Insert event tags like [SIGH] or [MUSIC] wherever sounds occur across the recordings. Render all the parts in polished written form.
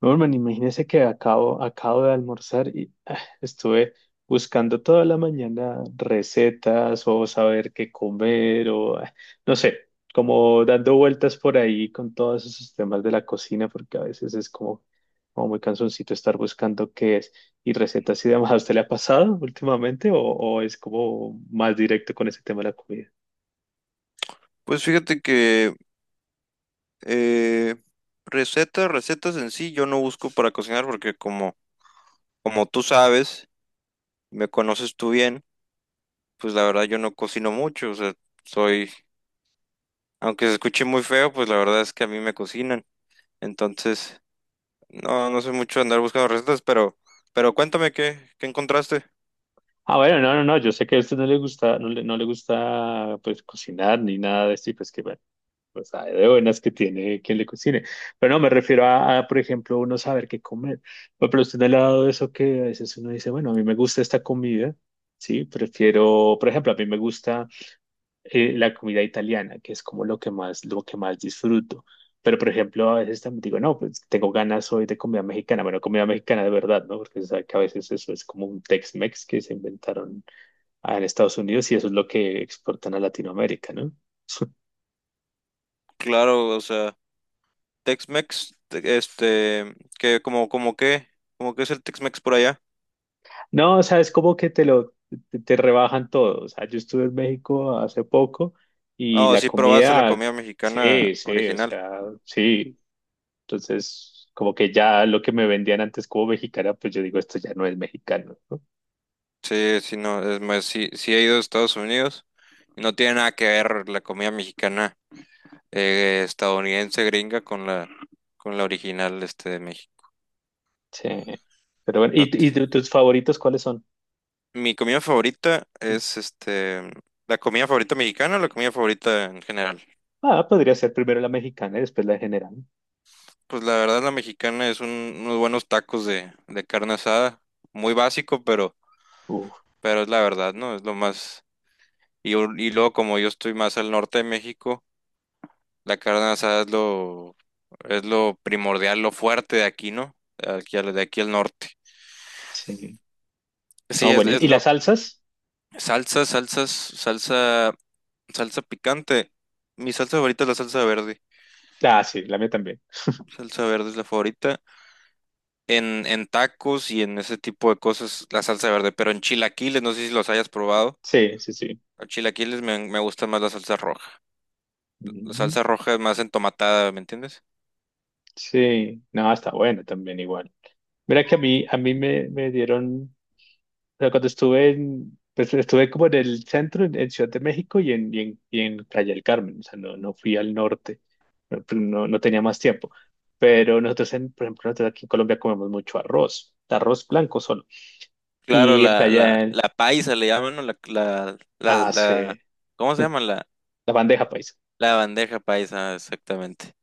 Norman, imagínese que acabo de almorzar y estuve buscando toda la mañana recetas o saber qué comer o no sé, como dando vueltas por ahí con todos esos temas de la cocina porque a veces es como muy cansoncito estar buscando qué es y recetas y demás. ¿A usted le ha pasado últimamente o es como más directo con ese tema de la comida? Pues fíjate que eh, recetas en sí, yo no busco para cocinar porque como, como tú sabes, me conoces tú bien, pues la verdad yo no cocino mucho, o sea, soy, aunque se escuche muy feo, pues la verdad es que a mí me cocinan. Entonces, no, no sé mucho andar buscando recetas, pero cuéntame qué encontraste. Ah, bueno, no, no, no, yo sé que a usted no le gusta, no le gusta pues cocinar ni nada de esto y pues que bueno. Pues hay de buenas que tiene quien le cocine. Pero no, me refiero a, por ejemplo, uno saber qué comer. Bueno, pero usted no le ha dado eso que a veces uno dice, bueno, a mí me gusta esta comida, ¿sí? Prefiero, por ejemplo, a mí me gusta la comida italiana, que es como lo que más disfruto. Pero, por ejemplo, a veces también digo, no, pues tengo ganas hoy de comida mexicana. Bueno, comida mexicana de verdad, ¿no? Porque se sabe que a veces eso es como un Tex-Mex que se inventaron en Estados Unidos y eso es lo que exportan a Latinoamérica, ¿no? [LAUGHS] Claro, o sea, Tex-Mex, este, que como, como qué es el Tex-Mex por allá. No, o sea, es como que te rebajan todo. O sea, yo estuve en México hace poco y Oh, la sí probaste la comida, comida mexicana sí, sí, o original. sea, sí. Entonces, como que ya lo que me vendían antes como mexicana, pues yo digo, esto ya no es mexicano, ¿no? Sí, sí, no, es más, sí, sí he ido a Estados Unidos y no tiene nada que ver la comida mexicana estadounidense gringa con la original este de México. Sí. Pero bueno, No ¿y, y te- tu- tus favoritos cuáles son? Mi comida favorita Mm. es este la comida favorita mexicana o la comida favorita en general. Ah, podría ser primero la mexicana y después la de general. Pues la verdad la mexicana es unos buenos tacos de carne asada, muy básico, Uf, pero es la verdad, ¿no? Es lo más y luego como yo estoy más al norte de México. La carne asada es lo, Es lo primordial, lo fuerte de aquí, ¿no? De aquí de aquí al norte. sí. Sí, No, bueno, ¿y, es y lo. las salsas? Salsa, salsas, salsa, Salsa picante. Mi salsa favorita es la salsa verde. Ah, sí, la mía también. Salsa verde es la favorita. En tacos y en ese tipo de cosas, la salsa verde. Pero en chilaquiles, no sé si los hayas probado. Sí, sí, sí. En chilaquiles me gusta más la salsa roja. La Ujú. salsa roja es más entomatada, ¿me entiendes? Sí, no, está bueno también igual. Mira que a mí me dieron, o sea, cuando estuve como en el centro, en Ciudad de México y en Playa del Carmen, o sea, no, no fui al norte, no, pues, no, no tenía más tiempo. Pero nosotros, por ejemplo, nosotros aquí en Colombia comemos mucho arroz, arroz blanco solo. Claro, Y en la paisa le llaman, ¿no? Hace ¿Cómo se llama? [LAUGHS] la bandeja paisa. La bandeja paisa, exactamente.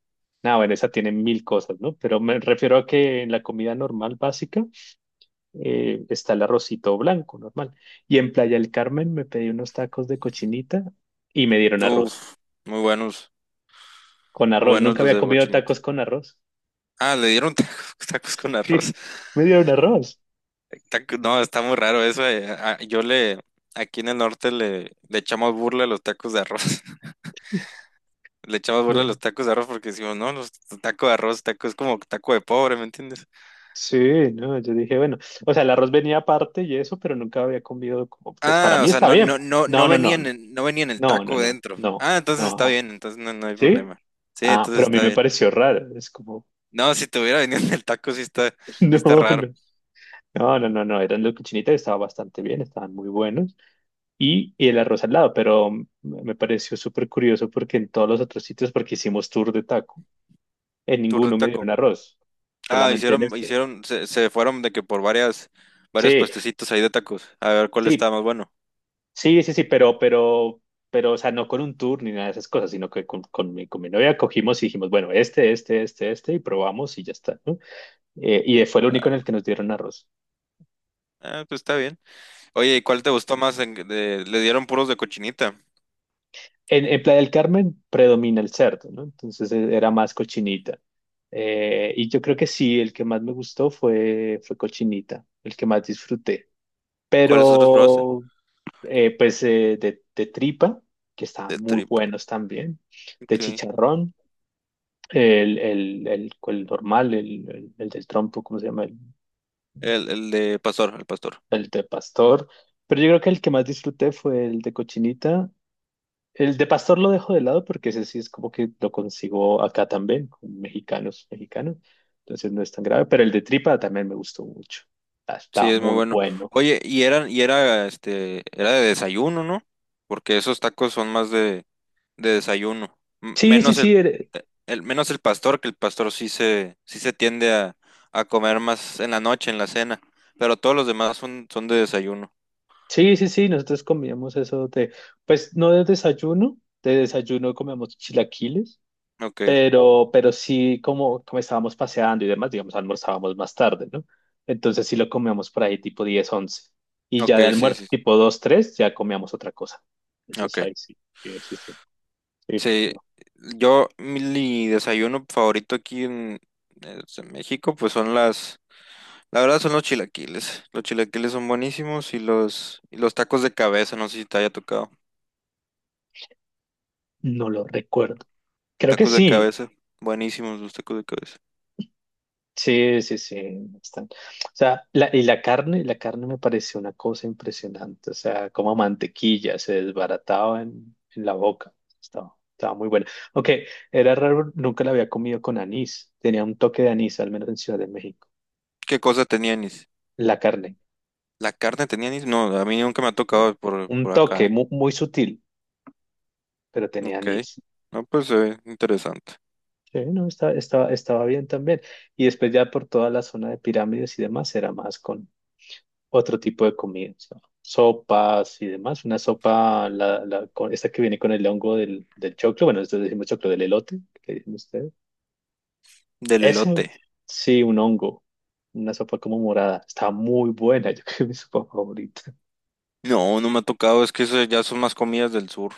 Ah, bueno, esa tiene mil cosas, ¿no? Pero me refiero a que en la comida normal básica está el arrocito blanco, normal. Y en Playa del Carmen me pedí unos tacos de cochinita y me dieron arroz. Uf, muy buenos, Con muy arroz, buenos nunca los había de comido cochinita. tacos con arroz. [LAUGHS] Ah, le dieron tacos, [LAUGHS] tacos con arroz. Sí, me dieron arroz. No, está muy raro eso. Ah, yo aquí en el norte le echamos burla a los tacos de arroz. [LAUGHS] Le echamos burla a No, los tacos de arroz porque decimos, no, los tacos de arroz, tacos es como taco de pobre, ¿me entiendes? sí, no, yo dije, bueno, o sea, el arroz venía aparte y eso, pero nunca había comido como, pues para Ah, mí o sea, está no, no, bien. no, no No, no, no, venían, no venían el no, no, taco no, dentro. no, Ah, entonces está no. bien, entonces no, no hay ¿Sí? problema. Sí, Ah, entonces pero a mí está me bien. pareció raro. Es como, No, si te hubiera venido [LAUGHS] el taco, [LAUGHS] no, sí está raro. no. No, no, no, no, eran los cochinitas, estaban bastante bien, estaban muy buenos. Y el arroz al lado, pero me pareció súper curioso porque en todos los otros sitios, porque hicimos tour de taco, en Tour de ninguno me taco. dieron arroz, Ah, solamente en hicieron, este. Se, se fueron de que varios Sí, puestecitos ahí de tacos, a ver cuál sí, estaba más bueno. sí, sí, sí, pero, o sea, no con un tour ni nada de esas cosas, sino que con mi novia cogimos y dijimos, bueno, este, y probamos y ya está, ¿no? Y fue el único en el que nos dieron arroz. Ah, pues está bien. Oye, ¿y cuál te gustó más? Le dieron puros de cochinita. En Playa del Carmen predomina el cerdo, ¿no? Entonces era más cochinita. Y yo creo que sí, el que más me gustó fue cochinita, el que más disfruté. ¿Cuáles otros probaste? Pero, pues, de tripa, que estaban De muy trip, buenos también, de ok. chicharrón, el normal, el del trompo, ¿cómo se llama? El, El de pastor, el pastor. el de pastor. Pero yo creo que el que más disfruté fue el de cochinita. El de pastor lo dejo de lado porque ese sí es como que lo consigo acá también, con mexicanos, mexicanos. Entonces no es tan grave, pero el de tripa también me gustó mucho. Ah, Sí, estaba es muy muy bueno. bueno. Oye, y era, este, era de desayuno, ¿no? Porque esos tacos son más de desayuno. Sí, sí, Menos sí, menos el pastor, que el pastor sí sí se tiende a comer más en la noche, en la cena. Pero todos los demás son, son de desayuno. sí, sí, sí, nosotros comíamos eso de, pues no de desayuno, de desayuno comíamos chilaquiles. Ok, Pero sí, como estábamos paseando y demás, digamos, almorzábamos más tarde, ¿no? Entonces sí lo comíamos por ahí tipo 10 11. Y ya ok, de sí, almuerzo sí, sí, tipo 2 3 ya comíamos otra cosa. ok. Entonces ahí sí, sí, sí, sí, sí, porque Sí, no, yo, mi desayuno favorito aquí es en México, pues son la verdad son los chilaquiles. Los chilaquiles son buenísimos y y los tacos de cabeza, no sé si te haya tocado. no lo recuerdo. Creo que Tacos de sí, cabeza, buenísimos los tacos de cabeza. sí, sí, sí, bastante. O sea, y la carne me pareció una cosa impresionante. O sea, como mantequilla se desbarataba en la boca. Estaba muy buena. Aunque era raro, nunca la había comido con anís. Tenía un toque de anís, al menos en Ciudad de México. ¿Qué cosa tenían? La carne, La carne tenía anís. No, a mí nunca me ha sí. tocado Un por acá, toque ¿eh? muy, sutil, pero tenía Ok. anís. No, pues se ve interesante. Sí, no, estaba bien también. Y después ya por toda la zona de pirámides y demás, era más otro tipo de comida, o sea, sopas y demás. Una sopa, esta que viene con el hongo del choclo, bueno, nosotros decimos choclo del elote, que le dicen ustedes. Del Eso, elote. sí, un hongo, una sopa como morada. Está muy buena, [LAUGHS] yo creo que es mi sopa favorita. No, no me ha tocado. Es que eso ya son más comidas del sur,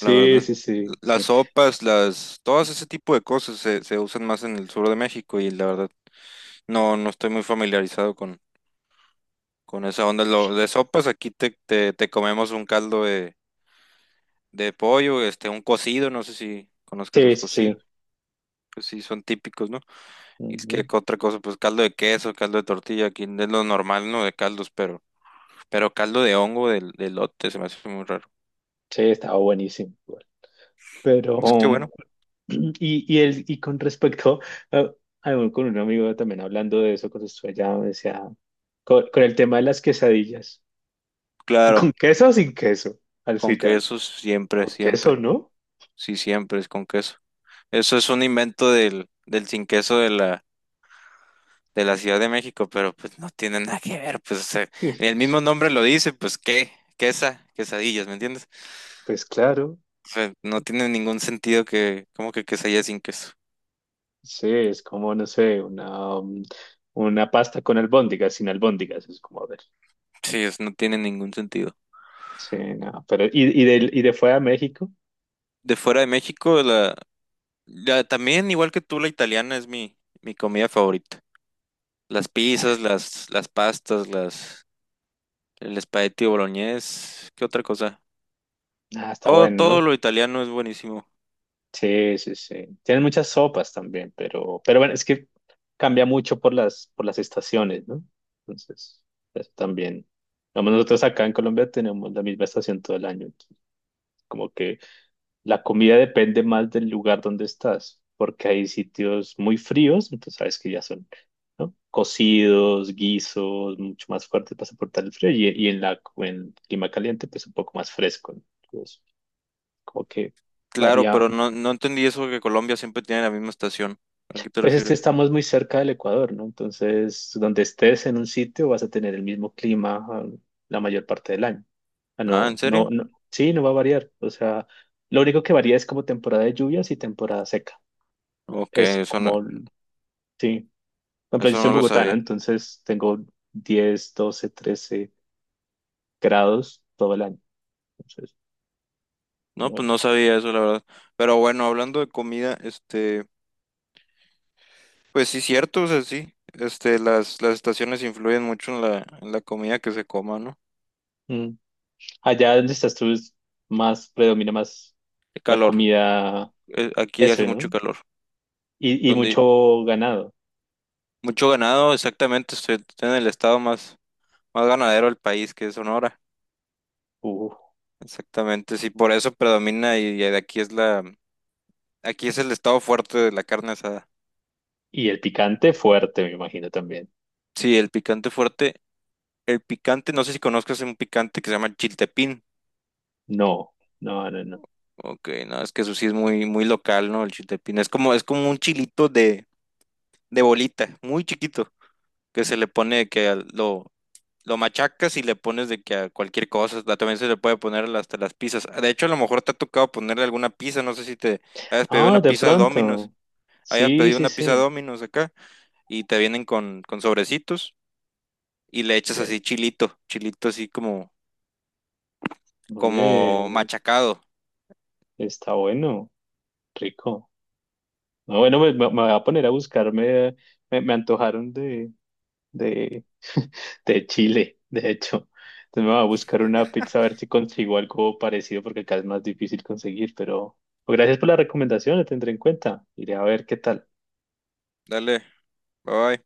la verdad. sí, sí, sí, Las, todas ese tipo de cosas se usan más en el sur de México y la verdad no, no estoy muy familiarizado con esa onda. Lo, de sopas aquí te comemos un caldo de pollo, este, un cocido, no sé si conozcas sí, los sí, sí. cocidos, que sí son típicos, ¿no? Y es Ujú. que otra cosa, pues caldo de queso, caldo de tortilla, aquí es lo normal, ¿no? De caldos, pero caldo de hongo del de elote se me hace muy raro. Sí, estaba buenísimo. Igual. Pero, Es que bueno, [CLEARS THROAT] y con respecto, a- con un amigo también hablando de eso, cuando estuve allá, me decía, con el tema de las quesadillas. claro, ¿Con queso o sin queso? Al con final. queso siempre, ¿Con queso, siempre. no? Sí, siempre es con queso. Eso es un invento del sin queso de la Ciudad de México, pero pues no tiene nada que ver, pues o sea, Que- el mismo nombre lo dice, pues qué, quesa, quesadillas, ¿me entiendes? Pues claro, O sea, no tiene ningún sentido que, como que quesadilla sin queso. sí, es como, no sé, una pasta con albóndigas, sin albóndigas, es como, a ver. Sí, no tiene ningún sentido. Sí, no, pero, ¿y de fuera a México? De fuera de México, la, ya, también, igual que tú, la italiana es mi comida favorita. Ah, Las pastas, las, el espagueti boloñés, ¿qué otra cosa? ah, está Oh, bueno, todo ¿no? lo italiano es buenísimo. Sí, sí, sí. Tienen muchas sopas también, pero bueno, es que cambia mucho por las estaciones, ¿no? Entonces, eso también. Digamos, nosotros acá en Colombia tenemos la misma estación todo el año, entonces, como que la comida depende más del lugar donde estás, porque hay sitios muy fríos, entonces sabes que ya son, ¿no? Cocidos, guisos, mucho más fuertes para soportar el frío, y en clima caliente, pues un poco más fresco, ¿no? Entonces, como que Claro, varía. pero no, no entendí eso que Colombia siempre tiene la misma estación. ¿A qué te Pues es que refieres? estamos muy cerca del Ecuador, ¿no? Entonces, donde estés en un sitio vas a tener el mismo clima, la mayor parte del año. Ah, Ah, ¿en no, no, serio? no, sí, no va a variar. O sea, lo único que varía es como temporada de lluvias y temporada seca, Ok, es como. Sí, no, pero yo eso soy no lo bogotano, sabía. entonces tengo 10, 12, 13 grados todo el año. Entonces, No, pues no. no sabía eso, la verdad. Pero bueno, hablando de comida, este, pues sí, cierto, o sea, sí. Este, las estaciones influyen mucho en en la comida que se coma, ¿no? Mm. Allá donde estás tú es más, predomina más El la calor. comida, Aquí hace eso, ¿no? mucho calor, Y donde mucho ganado. mucho ganado, exactamente, estoy en el estado más, más ganadero del país, que es Sonora. Uf. Exactamente, sí, por eso predomina y aquí es aquí es el estado fuerte de la carne asada. Y el picante fuerte, me imagino también. Sí, el picante fuerte, el picante, no sé si conozcas un picante que se llama chiltepín. No, no, no, no. Ok, no, es que eso sí es muy, muy local, ¿no? El chiltepín es como un chilito de bolita, muy chiquito, que se le pone que lo machacas y le pones de que a cualquier cosa, también se le puede poner hasta las pizzas. De hecho, a lo mejor te ha tocado ponerle alguna pizza, no sé si te hayas pedido una Ah, de pizza Domino's, pronto. hayas Sí, pedido sí, una pizza sí. Domino's acá y te vienen con sobrecitos y le echas Ya. así chilito, chilito así como, como Oye, machacado. está bueno, rico. No, bueno, me voy a poner a buscarme. Me antojaron de, de Chile, de hecho. Entonces me voy a buscar una pizza a ver si consigo algo parecido porque acá es más difícil conseguir, pero gracias por la recomendación, la tendré en cuenta. Iré a ver qué tal. Dale, bye.